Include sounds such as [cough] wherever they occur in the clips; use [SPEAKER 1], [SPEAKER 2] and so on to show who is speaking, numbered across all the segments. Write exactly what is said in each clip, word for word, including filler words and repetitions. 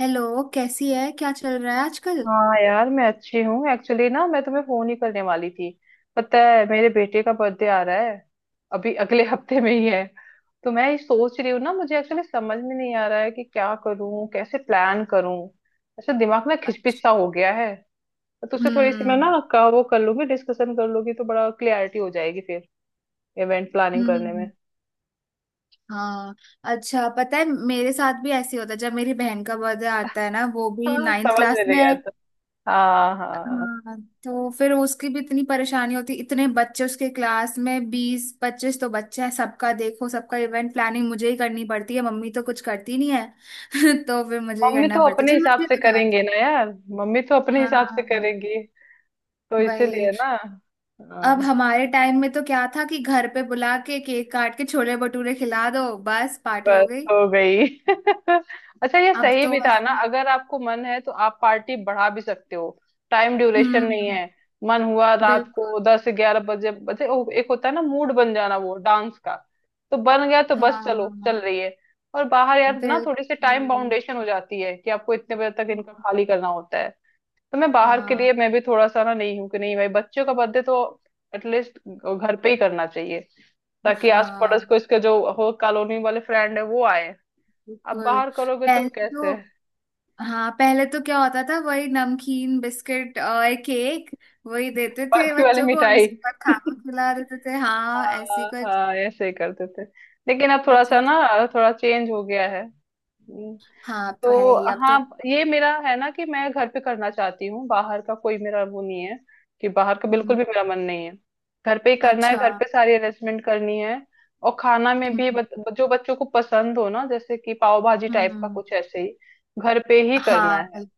[SPEAKER 1] Hello. कैसी है, क्या चल रहा है आजकल?
[SPEAKER 2] हाँ यार, मैं अच्छी हूँ। एक्चुअली ना, मैं तुम्हें फोन ही करने वाली थी। पता है, मेरे बेटे का बर्थडे आ रहा है अभी [laughs] अगले हफ्ते में ही है। तो मैं ये सोच रही हूँ ना, मुझे एक्चुअली समझ में नहीं आ रहा है कि क्या करूँ, कैसे प्लान करूँ। ऐसा दिमाग ना खिचपिच
[SPEAKER 1] अच्छा।
[SPEAKER 2] सा हो गया है। तो तुझसे थोड़ी सी मैं ना
[SPEAKER 1] हम्म।
[SPEAKER 2] का वो कर लूंगी, डिस्कशन कर लूंगी, तो बड़ा क्लियरिटी हो जाएगी फिर इवेंट प्लानिंग करने में।
[SPEAKER 1] हम्म। हाँ। अच्छा, पता है मेरे साथ भी ऐसे ही होता है, जब मेरी बहन का बर्थडे आता है ना, वो भी
[SPEAKER 2] हाँ,
[SPEAKER 1] नाइन्थ
[SPEAKER 2] समझ
[SPEAKER 1] क्लास
[SPEAKER 2] में
[SPEAKER 1] में
[SPEAKER 2] नहीं
[SPEAKER 1] है।
[SPEAKER 2] आता। हाँ, हाँ।
[SPEAKER 1] हाँ, तो फिर उसकी भी इतनी परेशानी होती, इतने बच्चे उसके क्लास में, बीस पच्चीस तो बच्चे हैं। सबका देखो, सबका इवेंट प्लानिंग मुझे ही करनी पड़ती है, मम्मी तो कुछ करती नहीं है। [laughs] तो फिर मुझे ही
[SPEAKER 2] मम्मी
[SPEAKER 1] करना
[SPEAKER 2] तो
[SPEAKER 1] पड़ता है।
[SPEAKER 2] अपने
[SPEAKER 1] चल
[SPEAKER 2] हिसाब
[SPEAKER 1] मुझे
[SPEAKER 2] से
[SPEAKER 1] बता।
[SPEAKER 2] करेंगे ना यार। मम्मी तो अपने
[SPEAKER 1] हाँ।
[SPEAKER 2] हिसाब से
[SPEAKER 1] हाँ,
[SPEAKER 2] करेंगी। तो इसीलिए
[SPEAKER 1] वही।
[SPEAKER 2] ना।
[SPEAKER 1] अब
[SPEAKER 2] हाँ।
[SPEAKER 1] हमारे टाइम में तो क्या था कि घर पे बुला के केक काट के छोले भटूरे खिला दो, बस पार्टी हो
[SPEAKER 2] बस
[SPEAKER 1] गई।
[SPEAKER 2] हो गई [laughs] अच्छा, ये
[SPEAKER 1] अब
[SPEAKER 2] सही
[SPEAKER 1] तो
[SPEAKER 2] भी था ना,
[SPEAKER 1] ऐसे।
[SPEAKER 2] अगर आपको मन है तो आप पार्टी बढ़ा भी सकते हो। टाइम ड्यूरेशन नहीं
[SPEAKER 1] हम्म।
[SPEAKER 2] है। मन हुआ रात
[SPEAKER 1] बिल्कुल।
[SPEAKER 2] को दस ग्यारह बजे बजे ओ, एक होता है ना मूड बन जाना वो डांस का। तो बन गया तो बस चलो चल
[SPEAKER 1] हाँ।
[SPEAKER 2] रही है। और बाहर यार ना थोड़ी सी टाइम
[SPEAKER 1] बिल्कुल।
[SPEAKER 2] बाउंडेशन हो जाती है कि आपको इतने बजे तक इनका खाली करना होता है। तो मैं बाहर के
[SPEAKER 1] हाँ।
[SPEAKER 2] लिए मैं भी थोड़ा सा ना नहीं हूँ कि नहीं भाई, बच्चों का बर्थडे तो एटलीस्ट घर पे ही करना चाहिए। ताकि आस पड़ोस
[SPEAKER 1] हाँ।
[SPEAKER 2] को इसके जो हो कॉलोनी वाले फ्रेंड है वो आए। अब
[SPEAKER 1] बिल्कुल।
[SPEAKER 2] बाहर करोगे तो
[SPEAKER 1] पहले
[SPEAKER 2] कैसे।
[SPEAKER 1] तो हाँ, पहले तो क्या होता था, वही नमकीन बिस्किट और केक। वही देते थे
[SPEAKER 2] बाकी वाली
[SPEAKER 1] बच्चों को, और
[SPEAKER 2] मिठाई
[SPEAKER 1] उसके बाद खाना
[SPEAKER 2] [laughs]
[SPEAKER 1] खिला देते थे। हाँ, ऐसी
[SPEAKER 2] हाँ
[SPEAKER 1] कुछ।
[SPEAKER 2] हाँ, ऐसे ही करते थे। लेकिन अब थोड़ा सा
[SPEAKER 1] अच्छा।
[SPEAKER 2] ना, थोड़ा चेंज हो गया है। हम्म।
[SPEAKER 1] हाँ तो है
[SPEAKER 2] तो
[SPEAKER 1] ही, अब तो।
[SPEAKER 2] हाँ, ये मेरा है ना कि मैं घर पे करना चाहती हूँ, बाहर का कोई मेरा वो नहीं है। कि बाहर का बिल्कुल
[SPEAKER 1] हम्म।
[SPEAKER 2] भी मेरा मन नहीं है। घर पे ही करना है,
[SPEAKER 1] अच्छा।
[SPEAKER 2] घर पे सारी अरेंजमेंट करनी है। और खाना में भी
[SPEAKER 1] हम्म।
[SPEAKER 2] बच, जो बच्चों को पसंद हो ना, जैसे कि पाव भाजी टाइप का
[SPEAKER 1] हम्म।
[SPEAKER 2] कुछ, ऐसे ही घर पे ही करना
[SPEAKER 1] हाँ
[SPEAKER 2] है।
[SPEAKER 1] बिल-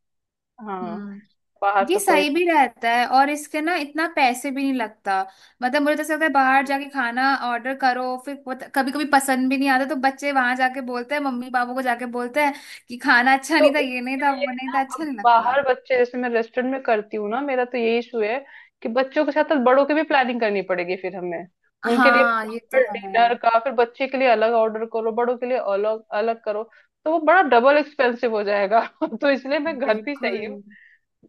[SPEAKER 2] हाँ,
[SPEAKER 1] हम्म।
[SPEAKER 2] बाहर
[SPEAKER 1] ये
[SPEAKER 2] का कोई
[SPEAKER 1] सही भी रहता है, और इसके ना इतना पैसे भी नहीं लगता। मतलब मुझे तो ऐसा लगता है बाहर
[SPEAKER 2] मत।
[SPEAKER 1] जाके खाना ऑर्डर करो, फिर कभी कभी पसंद भी नहीं आता, तो बच्चे वहां जाके बोलते हैं, मम्मी पापा को जाके बोलते हैं कि खाना अच्छा
[SPEAKER 2] तो
[SPEAKER 1] नहीं था, ये नहीं
[SPEAKER 2] उसके
[SPEAKER 1] था,
[SPEAKER 2] लिए
[SPEAKER 1] वो नहीं
[SPEAKER 2] ना,
[SPEAKER 1] था, अच्छा
[SPEAKER 2] अब
[SPEAKER 1] नहीं लगता।
[SPEAKER 2] बाहर बच्चे जैसे मैं रेस्टोरेंट में करती हूँ ना, मेरा तो यही इशू है कि बच्चों के साथ साथ बड़ों की भी प्लानिंग करनी पड़ेगी फिर हमें। उनके लिए
[SPEAKER 1] हाँ, ये तो
[SPEAKER 2] प्रॉपर
[SPEAKER 1] है।
[SPEAKER 2] डिनर का, फिर बच्चे के लिए अलग ऑर्डर करो, बड़ों के लिए अलग अलग करो। तो वो बड़ा डबल एक्सपेंसिव हो जाएगा [laughs] तो इसलिए मैं घर पे
[SPEAKER 1] बिल्कुल।
[SPEAKER 2] सही हूँ।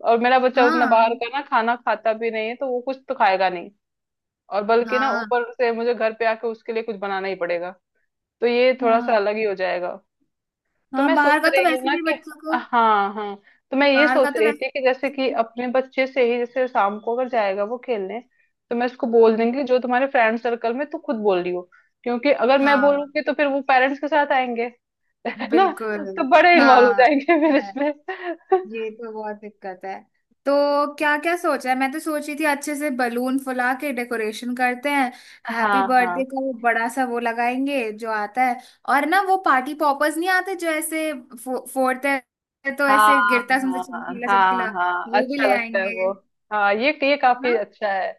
[SPEAKER 2] और मेरा बच्चा उतना बाहर
[SPEAKER 1] हाँ,
[SPEAKER 2] का ना खाना खाता भी नहीं है, तो वो कुछ तो खाएगा नहीं। और बल्कि ना
[SPEAKER 1] हाँ,
[SPEAKER 2] ऊपर से मुझे घर पे आके उसके लिए कुछ बनाना ही पड़ेगा। तो ये थोड़ा सा
[SPEAKER 1] हाँ,
[SPEAKER 2] अलग ही हो जाएगा। तो
[SPEAKER 1] हाँ,
[SPEAKER 2] मैं सोच
[SPEAKER 1] बाहर का तो
[SPEAKER 2] रही हूँ
[SPEAKER 1] वैसे
[SPEAKER 2] ना
[SPEAKER 1] भी
[SPEAKER 2] कि,
[SPEAKER 1] बच्चों को।
[SPEAKER 2] हाँ हाँ, तो मैं ये
[SPEAKER 1] बाहर का
[SPEAKER 2] सोच
[SPEAKER 1] तो
[SPEAKER 2] रही
[SPEAKER 1] वैसे।
[SPEAKER 2] थी कि जैसे कि अपने बच्चे से ही, जैसे शाम को अगर जाएगा वो खेलने, तो मैं उसको बोल
[SPEAKER 1] हम्म।
[SPEAKER 2] देंगी कि जो तुम्हारे फ्रेंड सर्कल में तू खुद बोल रही हो। क्योंकि अगर मैं
[SPEAKER 1] हाँ,
[SPEAKER 2] बोलूंगी तो फिर वो पेरेंट्स के साथ आएंगे [laughs] है ना।
[SPEAKER 1] बिल्कुल।
[SPEAKER 2] तो बड़े इन्वॉल्व हो
[SPEAKER 1] हाँ,
[SPEAKER 2] जाएंगे फिर इसमें
[SPEAKER 1] ये तो बहुत दिक्कत है। तो क्या क्या सोचा है? मैं तो सोच रही थी अच्छे से बलून फुला के डेकोरेशन करते हैं,
[SPEAKER 2] [laughs]
[SPEAKER 1] हैप्पी
[SPEAKER 2] हाँ, हाँ,
[SPEAKER 1] बर्थडे का वो बड़ा सा वो लगाएंगे जो आता है। और ना, वो पार्टी पॉपर्स नहीं आते जो ऐसे फो, फोड़ते हैं, तो ऐसे
[SPEAKER 2] हाँ,
[SPEAKER 1] गिरता है उसमें से
[SPEAKER 2] हाँ,
[SPEAKER 1] चमकीला
[SPEAKER 2] हाँ,
[SPEAKER 1] चमकीला,
[SPEAKER 2] हाँ,
[SPEAKER 1] वो भी
[SPEAKER 2] अच्छा
[SPEAKER 1] ले
[SPEAKER 2] लगता है
[SPEAKER 1] आएंगे।
[SPEAKER 2] वो। हाँ, ये ये काफी
[SPEAKER 1] हाँ।
[SPEAKER 2] अच्छा है।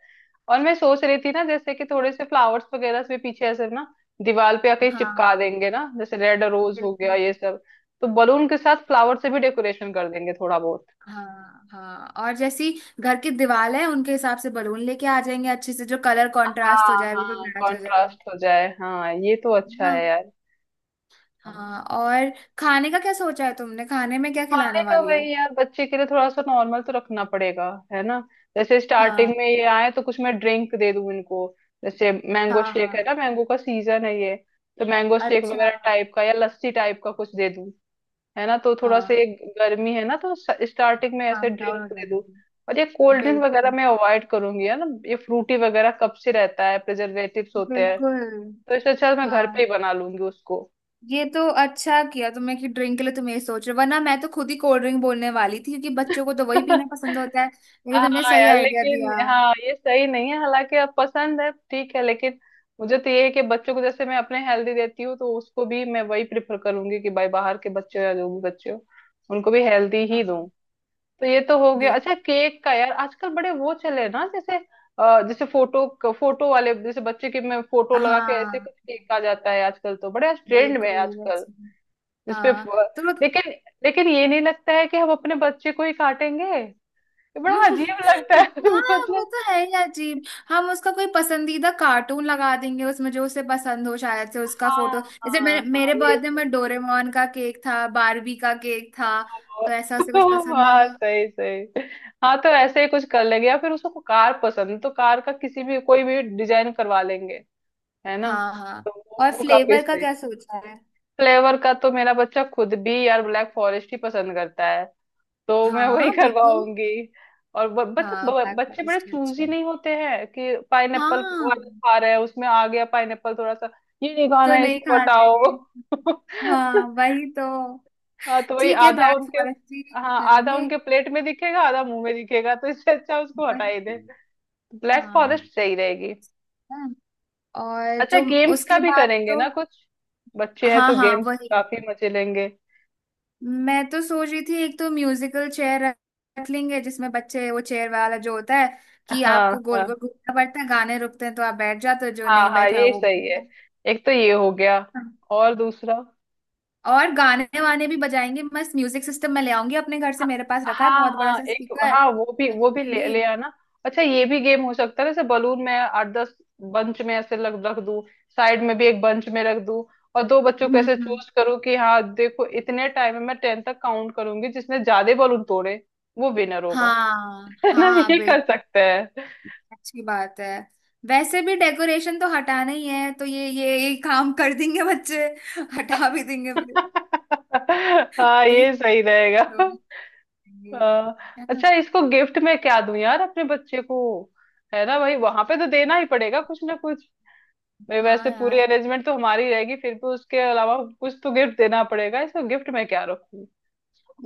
[SPEAKER 2] और मैं सोच रही थी ना, जैसे कि थोड़े से फ्लावर्स वगैरह से पीछे ऐसे ना दीवार पे आके
[SPEAKER 1] हाँ,
[SPEAKER 2] चिपका देंगे ना, जैसे रेड रोज हो गया,
[SPEAKER 1] बिल्कुल।
[SPEAKER 2] ये सब। तो बलून के साथ फ्लावर से भी डेकोरेशन कर देंगे थोड़ा बहुत।
[SPEAKER 1] हाँ, हाँ, और जैसी घर की दीवार है उनके हिसाब से बलून लेके आ जाएंगे, अच्छे से जो कलर कंट्रास्ट हो
[SPEAKER 2] हाँ
[SPEAKER 1] जाए,
[SPEAKER 2] हाँ,
[SPEAKER 1] बिल्कुल मैच हो जाए
[SPEAKER 2] कॉन्ट्रास्ट हो जाए, हाँ, ये तो अच्छा
[SPEAKER 1] ना।
[SPEAKER 2] है यार। हाँ।
[SPEAKER 1] हाँ, और खाने का क्या सोचा है तुमने? खाने में क्या
[SPEAKER 2] वाले
[SPEAKER 1] खिलाने
[SPEAKER 2] का
[SPEAKER 1] वाली हो?
[SPEAKER 2] वही यार, बच्चे के लिए थोड़ा सा नॉर्मल तो रखना पड़ेगा, है ना। जैसे स्टार्टिंग
[SPEAKER 1] हाँ।
[SPEAKER 2] में ये आए तो कुछ मैं ड्रिंक दे दूं इनको। जैसे मैंगो
[SPEAKER 1] हाँ।
[SPEAKER 2] शेक, है
[SPEAKER 1] हाँ।
[SPEAKER 2] ना, मैंगो का सीजन है ये। तो मैंगो शेक
[SPEAKER 1] अच्छा।
[SPEAKER 2] वगैरह टाइप का या लस्सी टाइप का कुछ दे दूं, है ना। तो थोड़ा
[SPEAKER 1] हाँ,
[SPEAKER 2] सा ये गर्मी है ना, तो स्टार्टिंग में ऐसे
[SPEAKER 1] काम डाउन हो
[SPEAKER 2] ड्रिंक दे दूं।
[SPEAKER 1] जाऊंगी।
[SPEAKER 2] और ये कोल्ड ड्रिंक वगैरह
[SPEAKER 1] बिल्कुल।
[SPEAKER 2] मैं अवॉइड करूंगी, है ना, ये फ्रूटी वगैरह कब से रहता है, प्रिजर्वेटिव्स होते हैं।
[SPEAKER 1] बिल्कुल।
[SPEAKER 2] तो इससे अच्छा तो मैं
[SPEAKER 1] हाँ,
[SPEAKER 2] घर पे ही बना लूंगी उसको।
[SPEAKER 1] ये तो अच्छा किया तुमने कि ड्रिंक के लिए तुम ये सोच रहे हो, वरना मैं तो खुद ही कोल्ड ड्रिंक बोलने वाली थी, क्योंकि बच्चों को तो वही पीना
[SPEAKER 2] [laughs]
[SPEAKER 1] पसंद होता है, लेकिन तुमने
[SPEAKER 2] हाँ
[SPEAKER 1] सही
[SPEAKER 2] यार,
[SPEAKER 1] आइडिया
[SPEAKER 2] लेकिन
[SPEAKER 1] दिया।
[SPEAKER 2] हाँ, ये सही नहीं है, हालांकि अब पसंद है, ठीक है लेकिन। मुझे तो ये है कि बच्चों को जैसे मैं अपने हेल्दी देती हूँ, तो उसको भी मैं वही प्रेफर करूंगी कि भाई बाहर के बच्चों या जो भी बच्चे हो, उनको भी हेल्दी ही दूं।
[SPEAKER 1] हाँ
[SPEAKER 2] तो ये तो हो गया।
[SPEAKER 1] बिल
[SPEAKER 2] अच्छा, केक का यार, आजकल बड़े वो चले हैं ना, जैसे अ, जैसे फोटो फोटो वाले, जैसे बच्चे की मैं फोटो लगा के, ऐसे कुछ
[SPEAKER 1] हाँ,
[SPEAKER 2] केक आ जाता है आजकल, तो बड़े ट्रेंड में है
[SPEAKER 1] बिल्कुल
[SPEAKER 2] आजकल
[SPEAKER 1] वैसे।
[SPEAKER 2] जिसपे।
[SPEAKER 1] हाँ तो...
[SPEAKER 2] लेकिन, लेकिन ये नहीं लगता है कि हम अपने बच्चे को ही काटेंगे। ये बड़ा अजीब
[SPEAKER 1] [laughs]
[SPEAKER 2] लगता है [laughs]
[SPEAKER 1] हाँ, वो
[SPEAKER 2] मतलब।
[SPEAKER 1] तो है ही अजीब। हम उसका कोई पसंदीदा कार्टून लगा देंगे उसमें, जो उसे पसंद हो, शायद से उसका
[SPEAKER 2] हाँ
[SPEAKER 1] फोटो जैसे,
[SPEAKER 2] हाँ
[SPEAKER 1] मेरे,
[SPEAKER 2] हाँ,
[SPEAKER 1] मेरे
[SPEAKER 2] ये
[SPEAKER 1] बर्थडे
[SPEAKER 2] सही
[SPEAKER 1] में
[SPEAKER 2] है।
[SPEAKER 1] डोरेमोन का केक था, बारबी का केक था, तो ऐसा उसे कुछ
[SPEAKER 2] ओहो, [laughs]
[SPEAKER 1] पसंद
[SPEAKER 2] हाँ,
[SPEAKER 1] होगा।
[SPEAKER 2] सही सही। हाँ, तो ऐसे ही कुछ कर लेंगे, या फिर उसको कार पसंद है, तो कार का किसी भी कोई भी डिजाइन करवा लेंगे, है ना।
[SPEAKER 1] हाँ, हाँ।
[SPEAKER 2] तो वो,
[SPEAKER 1] और
[SPEAKER 2] वो काफी
[SPEAKER 1] फ्लेवर का
[SPEAKER 2] सही।
[SPEAKER 1] क्या सोचा है?
[SPEAKER 2] फ्लेवर का तो मेरा बच्चा खुद भी यार ब्लैक फॉरेस्ट ही पसंद करता है। तो मैं वही
[SPEAKER 1] हाँ, बिल्कुल।
[SPEAKER 2] करवाऊंगी। और ब- बत-
[SPEAKER 1] हाँ,
[SPEAKER 2] ब-
[SPEAKER 1] ब्लैक
[SPEAKER 2] बच्चे बड़े
[SPEAKER 1] फॉरेस्ट
[SPEAKER 2] चूजी
[SPEAKER 1] अच्छा।
[SPEAKER 2] नहीं होते हैं कि पाइनएप्पल
[SPEAKER 1] हाँ,
[SPEAKER 2] वाला खा रहे हैं, उसमें आ गया पाइनएप्पल थोड़ा सा, ये नहीं खाना
[SPEAKER 1] तो
[SPEAKER 2] है
[SPEAKER 1] नहीं
[SPEAKER 2] इसको
[SPEAKER 1] खाते।
[SPEAKER 2] हटाओ [laughs]
[SPEAKER 1] हाँ, वही तो।
[SPEAKER 2] हाँ, तो वही
[SPEAKER 1] ठीक है,
[SPEAKER 2] आधा
[SPEAKER 1] ब्लैक
[SPEAKER 2] उनके।
[SPEAKER 1] फॉरेस्ट ही
[SPEAKER 2] हाँ, आधा
[SPEAKER 1] करेंगे।
[SPEAKER 2] उनके प्लेट में दिखेगा, आधा मुंह में दिखेगा, तो इससे अच्छा उसको हटा ही दे।
[SPEAKER 1] वही।
[SPEAKER 2] ब्लैक
[SPEAKER 1] हाँ,
[SPEAKER 2] फॉरेस्ट सही रहेगी।
[SPEAKER 1] और
[SPEAKER 2] अच्छा,
[SPEAKER 1] जो
[SPEAKER 2] गेम्स का
[SPEAKER 1] उसके
[SPEAKER 2] भी
[SPEAKER 1] बाद
[SPEAKER 2] करेंगे
[SPEAKER 1] तो...
[SPEAKER 2] ना कुछ। बच्चे हैं
[SPEAKER 1] हाँ,
[SPEAKER 2] तो
[SPEAKER 1] हाँ,
[SPEAKER 2] गेम्स
[SPEAKER 1] वही।
[SPEAKER 2] काफी मजे लेंगे।
[SPEAKER 1] मैं तो सोच रही थी, एक तो म्यूजिकल चेयर रख लेंगे, जिसमें बच्चे वो चेयर वाला जो होता है कि
[SPEAKER 2] हाँ,
[SPEAKER 1] आपको गोल
[SPEAKER 2] हाँ,
[SPEAKER 1] गोल घूमना पड़ता है, गाने रुकते हैं तो आप बैठ जाते हो, जो
[SPEAKER 2] हाँ,
[SPEAKER 1] नहीं
[SPEAKER 2] हाँ,
[SPEAKER 1] बैठा
[SPEAKER 2] ये
[SPEAKER 1] वो...
[SPEAKER 2] सही है। एक तो ये हो गया
[SPEAKER 1] हाँ।
[SPEAKER 2] और दूसरा,
[SPEAKER 1] और गाने वाने भी बजाएंगे, मस्त म्यूजिक सिस्टम मैं ले आऊंगी अपने घर से, मेरे पास रखा है
[SPEAKER 2] हाँ
[SPEAKER 1] बहुत बड़ा
[SPEAKER 2] हाँ,
[SPEAKER 1] सा
[SPEAKER 2] एक,
[SPEAKER 1] स्पीकर,
[SPEAKER 2] हाँ, वो भी
[SPEAKER 1] मैं ले
[SPEAKER 2] वो भी ले
[SPEAKER 1] आऊंगी।
[SPEAKER 2] ले आना। अच्छा, ये भी गेम हो सकता है, जैसे बलून में आठ दस बंच में ऐसे लग रख दूं, साइड में भी एक बंच में रख दूं, और दो बच्चों
[SPEAKER 1] हम्म।
[SPEAKER 2] को ऐसे
[SPEAKER 1] हम्म।
[SPEAKER 2] चूज करूं कि हाँ देखो, इतने टाइम में मैं टेन तक काउंट करूंगी, जिसने ज्यादा बलून तोड़े वो विनर होगा
[SPEAKER 1] हाँ,
[SPEAKER 2] [laughs] है ना,
[SPEAKER 1] हाँ,
[SPEAKER 2] ये कर सकते हैं
[SPEAKER 1] अच्छी बात है। वैसे भी डेकोरेशन तो हटाना ही है, तो ये ये ये काम कर देंगे बच्चे, हटा भी देंगे फिर।
[SPEAKER 2] [laughs] हाँ, ये
[SPEAKER 1] एक,
[SPEAKER 2] सही रहेगा
[SPEAKER 1] दोनों
[SPEAKER 2] [laughs]
[SPEAKER 1] करेंगे,
[SPEAKER 2] हाँ।
[SPEAKER 1] है ना।
[SPEAKER 2] अच्छा, इसको गिफ्ट में क्या दूं यार अपने बच्चे को। है ना भाई, वहां पे तो देना ही पड़ेगा कुछ ना। भाई
[SPEAKER 1] हाँ
[SPEAKER 2] वैसे पूरी
[SPEAKER 1] यार,
[SPEAKER 2] अरेंजमेंट तो हमारी रहेगी, फिर भी उसके अलावा कुछ तो गिफ्ट देना पड़ेगा, इसमें गिफ्ट में क्या रखूं।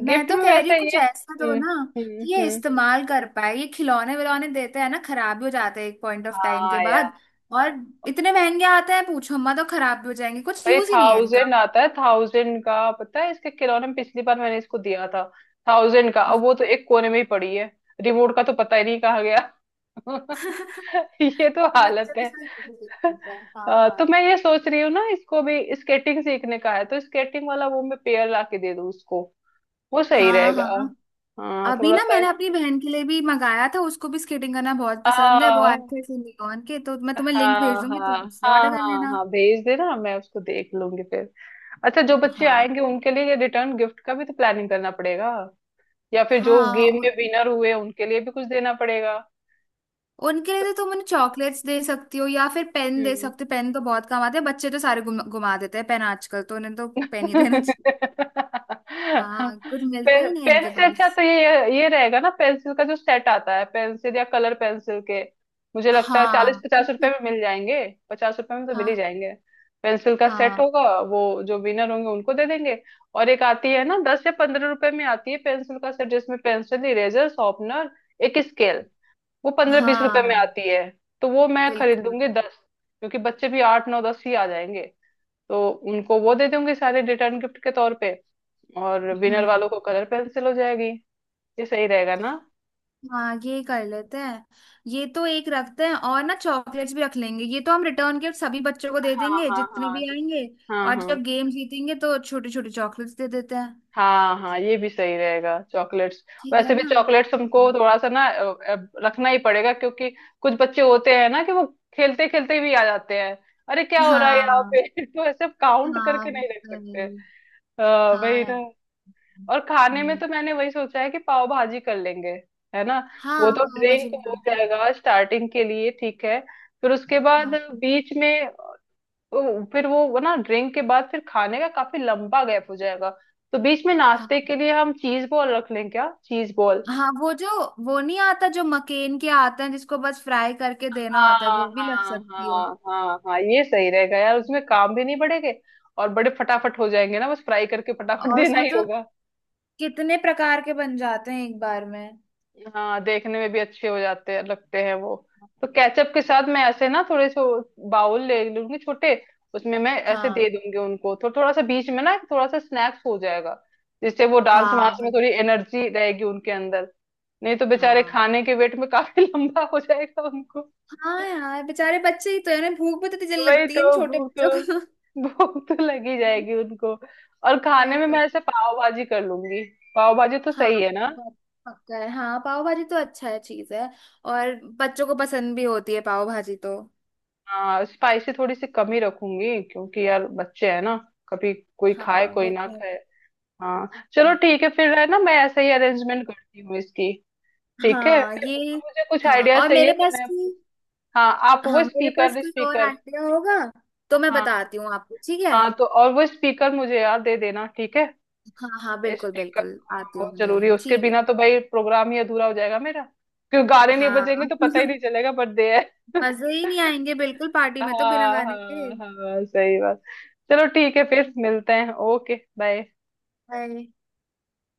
[SPEAKER 1] मैं
[SPEAKER 2] गिफ्ट
[SPEAKER 1] तो
[SPEAKER 2] में
[SPEAKER 1] कह रही हूँ
[SPEAKER 2] वैसे
[SPEAKER 1] कुछ
[SPEAKER 2] ये,
[SPEAKER 1] ऐसा दो
[SPEAKER 2] हम्म।
[SPEAKER 1] ना
[SPEAKER 2] हम्म।
[SPEAKER 1] कि ये
[SPEAKER 2] हम्म।
[SPEAKER 1] इस्तेमाल कर पाए, ये खिलौने विलौने देते हैं ना, खराब भी हो जाते हैं एक पॉइंट ऑफ टाइम के
[SPEAKER 2] हाँ यार।
[SPEAKER 1] बाद। और इतने महंगे आते हैं पूछो, अम्मा तो खराब भी हो जाएंगे, कुछ
[SPEAKER 2] भाई
[SPEAKER 1] यूज ही नहीं है
[SPEAKER 2] थाउजेंड
[SPEAKER 1] इनका।
[SPEAKER 2] आता है, थाउजेंड का पता है, इसके खिलौने में पिछली बार मैंने इसको दिया था थाउजेंड का, अब वो तो एक कोने में ही पड़ी है। रिमोट का तो पता ही नहीं कहाँ गया
[SPEAKER 1] [laughs]
[SPEAKER 2] [laughs] ये तो
[SPEAKER 1] ये
[SPEAKER 2] हालत
[SPEAKER 1] बच्चे के
[SPEAKER 2] है।
[SPEAKER 1] साथ। हाँ,
[SPEAKER 2] अ, तो
[SPEAKER 1] हाँ,
[SPEAKER 2] मैं ये सोच रही हूँ ना, इसको भी स्केटिंग सीखने का है, तो स्केटिंग वाला वो मैं पेयर ला के दे दूँ उसको, वो सही
[SPEAKER 1] हाँ,
[SPEAKER 2] रहेगा।
[SPEAKER 1] हाँ।
[SPEAKER 2] हाँ,
[SPEAKER 1] अभी
[SPEAKER 2] थोड़ा
[SPEAKER 1] ना
[SPEAKER 2] सा।
[SPEAKER 1] मैंने अपनी बहन के लिए भी मंगाया था, उसको भी स्केटिंग करना बहुत पसंद है, वो
[SPEAKER 2] आ,
[SPEAKER 1] आए थे सिंडिकॉन के, तो मैं तुम्हें लिंक भेज
[SPEAKER 2] हाँ,
[SPEAKER 1] दूंगी,
[SPEAKER 2] हाँ,
[SPEAKER 1] तुम उससे
[SPEAKER 2] हाँ,
[SPEAKER 1] ऑर्डर कर
[SPEAKER 2] हाँ,
[SPEAKER 1] लेना।
[SPEAKER 2] हाँ, भेज देना, मैं उसको देख लूंगी फिर। अच्छा, जो बच्चे
[SPEAKER 1] हाँ,
[SPEAKER 2] आएंगे उनके लिए रिटर्न गिफ्ट का भी तो प्लानिंग करना पड़ेगा, या फिर जो
[SPEAKER 1] हाँ,
[SPEAKER 2] गेम में
[SPEAKER 1] उन-
[SPEAKER 2] विनर हुए उनके लिए भी कुछ देना पड़ेगा।
[SPEAKER 1] उनके लिए तो तुम उन्हें चॉकलेट्स दे सकती हो, या फिर पेन दे
[SPEAKER 2] हम्म।
[SPEAKER 1] सकते हो, पेन तो बहुत काम आते हैं, बच्चे तो सारे गुम, गुमा देते हैं पेन आजकल, तो उन्हें तो पेन ही देना चाहिए। हाँ, कुछ मिलता
[SPEAKER 2] पे,
[SPEAKER 1] ही नहीं
[SPEAKER 2] पेन
[SPEAKER 1] इनके
[SPEAKER 2] से अच्छा
[SPEAKER 1] पास।
[SPEAKER 2] तो ये ये ये रहेगा ना पेंसिल का, जो सेट आता है पेंसिल या कलर पेंसिल के। मुझे लगता है चालीस
[SPEAKER 1] हाँ,
[SPEAKER 2] पचास
[SPEAKER 1] ठीक
[SPEAKER 2] रुपए
[SPEAKER 1] है।
[SPEAKER 2] में मिल जाएंगे, पचास रुपए में तो मिल ही
[SPEAKER 1] हाँ,
[SPEAKER 2] जाएंगे। पेंसिल का सेट
[SPEAKER 1] हाँ,
[SPEAKER 2] होगा वो, जो विनर होंगे उनको दे देंगे। और एक आती है ना दस या पंद्रह रुपए में, आती है पेंसिल का सेट, जिसमें पेंसिल, इरेजर, शॉर्पनर, एक स्केल, वो पंद्रह बीस रुपए में
[SPEAKER 1] हाँ,
[SPEAKER 2] आती है। तो वो मैं खरीद
[SPEAKER 1] बिल्कुल।
[SPEAKER 2] लूंगी दस, क्योंकि बच्चे भी आठ नौ दस ही आ जाएंगे। तो उनको वो दे दूंगी सारे रिटर्न गिफ्ट के तौर पे। और विनर
[SPEAKER 1] हम्म।
[SPEAKER 2] वालों को कलर पेंसिल हो जाएगी। ये सही रहेगा ना।
[SPEAKER 1] हाँ, ये कर लेते हैं। ये तो एक रखते हैं, और ना चॉकलेट्स भी रख लेंगे, ये तो हम रिटर्न गिफ्ट सभी बच्चों को दे
[SPEAKER 2] हाँ
[SPEAKER 1] देंगे
[SPEAKER 2] हाँ
[SPEAKER 1] जितने
[SPEAKER 2] हाँ,
[SPEAKER 1] भी
[SPEAKER 2] तो,
[SPEAKER 1] आएंगे।
[SPEAKER 2] हाँ
[SPEAKER 1] और
[SPEAKER 2] हाँ
[SPEAKER 1] जब गेम जीतेंगे तो छोटे छोटे चॉकलेट्स दे देते हैं।
[SPEAKER 2] हाँ हाँ, ये भी सही रहेगा, चॉकलेट्स।
[SPEAKER 1] ठीक है
[SPEAKER 2] वैसे भी
[SPEAKER 1] ना।
[SPEAKER 2] चॉकलेट्स हमको थोड़ा सा ना अ, अ, रखना ही पड़ेगा, क्योंकि कुछ बच्चे होते हैं ना कि वो खेलते खेलते भी आ जाते हैं। अरे क्या हो रहा है यहाँ
[SPEAKER 1] हाँ,
[SPEAKER 2] पे [laughs] तो ऐसे काउंट
[SPEAKER 1] हाँ,
[SPEAKER 2] करके नहीं रख
[SPEAKER 1] वही।
[SPEAKER 2] सकते, अ,
[SPEAKER 1] हाँ
[SPEAKER 2] वही
[SPEAKER 1] यार।
[SPEAKER 2] ना। और खाने में
[SPEAKER 1] हम्म,
[SPEAKER 2] तो मैंने वही सोचा है कि पाव भाजी कर लेंगे, है ना।
[SPEAKER 1] हाँ,
[SPEAKER 2] वो तो
[SPEAKER 1] पाव भाजी
[SPEAKER 2] ड्रिंक हो
[SPEAKER 1] बनाते हैं।
[SPEAKER 2] जाएगा स्टार्टिंग के लिए, ठीक है फिर, उसके बाद
[SPEAKER 1] हाँ।
[SPEAKER 2] बीच में अ, फिर वो वो ना, ड्रिंक के बाद फिर खाने का काफी लंबा गैप हो जाएगा। तो बीच में
[SPEAKER 1] हाँ,
[SPEAKER 2] नाश्ते के लिए हम चीज बॉल रख लें क्या, चीज बॉल।
[SPEAKER 1] हाँ, वो जो... वो नहीं आता जो मकेन के आते हैं जिसको बस फ्राई करके देना
[SPEAKER 2] हाँ,
[SPEAKER 1] होता है, वो भी लग
[SPEAKER 2] हाँ,
[SPEAKER 1] सकती है।
[SPEAKER 2] हाँ, हाँ, हाँ, ये सही रहेगा यार, उसमें काम भी नहीं बढ़ेंगे। और बड़े फटाफट हो जाएंगे ना, बस फ्राई करके फटाफट
[SPEAKER 1] और
[SPEAKER 2] देना
[SPEAKER 1] उसमें
[SPEAKER 2] ही
[SPEAKER 1] तो
[SPEAKER 2] होगा।
[SPEAKER 1] कितने प्रकार के बन जाते हैं एक बार में।
[SPEAKER 2] हाँ, देखने में भी अच्छे हो जाते हैं, लगते हैं वो। तो केचप के साथ मैं ऐसे ना थोड़े से बाउल ले लूंगी छोटे, उसमें मैं ऐसे दे
[SPEAKER 1] हाँ।
[SPEAKER 2] दूंगी उनको, तो थोड़ा सा बीच में ना थोड़ा सा स्नैक्स हो जाएगा। जिससे वो डांस
[SPEAKER 1] हाँ,
[SPEAKER 2] वांस में
[SPEAKER 1] वही।
[SPEAKER 2] थोड़ी एनर्जी रहेगी उनके अंदर। नहीं तो बेचारे
[SPEAKER 1] हाँ,
[SPEAKER 2] खाने के वेट में काफी [laughs] लंबा हो जाएगा उनको।
[SPEAKER 1] हाँ यार, बेचारे बच्चे ही तो है ना, भूख भी तो इतनी
[SPEAKER 2] तो
[SPEAKER 1] जल्दी
[SPEAKER 2] वही
[SPEAKER 1] लगती है इन
[SPEAKER 2] तो
[SPEAKER 1] छोटे
[SPEAKER 2] भूख,
[SPEAKER 1] बच्चों को।
[SPEAKER 2] भूख तो लगी जाएगी उनको। और खाने
[SPEAKER 1] वही
[SPEAKER 2] में
[SPEAKER 1] तो।
[SPEAKER 2] मैं ऐसे पाव भाजी कर लूंगी, पाव भाजी तो
[SPEAKER 1] हाँ,
[SPEAKER 2] सही है ना।
[SPEAKER 1] पाव भाजी। पक्का है, हाँ पाव भाजी तो अच्छा है चीज है। और बच्चों को पसंद भी होती है पाव भाजी तो।
[SPEAKER 2] हाँ, स्पाइसी थोड़ी सी कम ही रखूंगी, क्योंकि यार बच्चे हैं ना, कभी कोई खाए
[SPEAKER 1] हाँ,
[SPEAKER 2] कोई
[SPEAKER 1] वो
[SPEAKER 2] ना
[SPEAKER 1] तो है।
[SPEAKER 2] खाए। हाँ, चलो
[SPEAKER 1] हाँ।
[SPEAKER 2] ठीक है फिर, है ना, मैं ऐसे ही अरेंजमेंट करती हूँ इसकी। ठीक है
[SPEAKER 1] हाँ,
[SPEAKER 2] फिर,
[SPEAKER 1] ये...
[SPEAKER 2] और मुझे कुछ
[SPEAKER 1] हाँ,
[SPEAKER 2] आइडिया
[SPEAKER 1] और
[SPEAKER 2] चाहिए
[SPEAKER 1] मेरे
[SPEAKER 2] तो
[SPEAKER 1] पास
[SPEAKER 2] मैं आपको-
[SPEAKER 1] कोई...
[SPEAKER 2] हाँ, आप वो
[SPEAKER 1] हाँ, मेरे पास
[SPEAKER 2] स्पीकर,
[SPEAKER 1] कोई और
[SPEAKER 2] स्पीकर,
[SPEAKER 1] आइडिया होगा तो मैं
[SPEAKER 2] हाँ
[SPEAKER 1] बताती हूँ आपको, ठीक है।
[SPEAKER 2] हाँ, तो और वो स्पीकर मुझे यार दे देना, ठीक है।
[SPEAKER 1] हाँ, हाँ, बिल्कुल
[SPEAKER 2] स्पीकर,
[SPEAKER 1] बिल्कुल,
[SPEAKER 2] हाँ,
[SPEAKER 1] आती हूँ
[SPEAKER 2] बहुत
[SPEAKER 1] मैं
[SPEAKER 2] जरूरी है,
[SPEAKER 1] देने,
[SPEAKER 2] उसके
[SPEAKER 1] ठीक है।
[SPEAKER 2] बिना तो भाई प्रोग्राम ही अधूरा हो जाएगा मेरा। क्यों, गाने नहीं
[SPEAKER 1] हाँ।
[SPEAKER 2] बजेंगे तो पता ही नहीं
[SPEAKER 1] [laughs]
[SPEAKER 2] चलेगा बर्थडे है।
[SPEAKER 1] मजे ही नहीं आएंगे बिल्कुल पार्टी में तो बिना
[SPEAKER 2] हाँ
[SPEAKER 1] गाने के।
[SPEAKER 2] हाँ हाँ, सही बात। चलो ठीक है फिर, मिलते हैं, ओके, बाय।
[SPEAKER 1] हाय।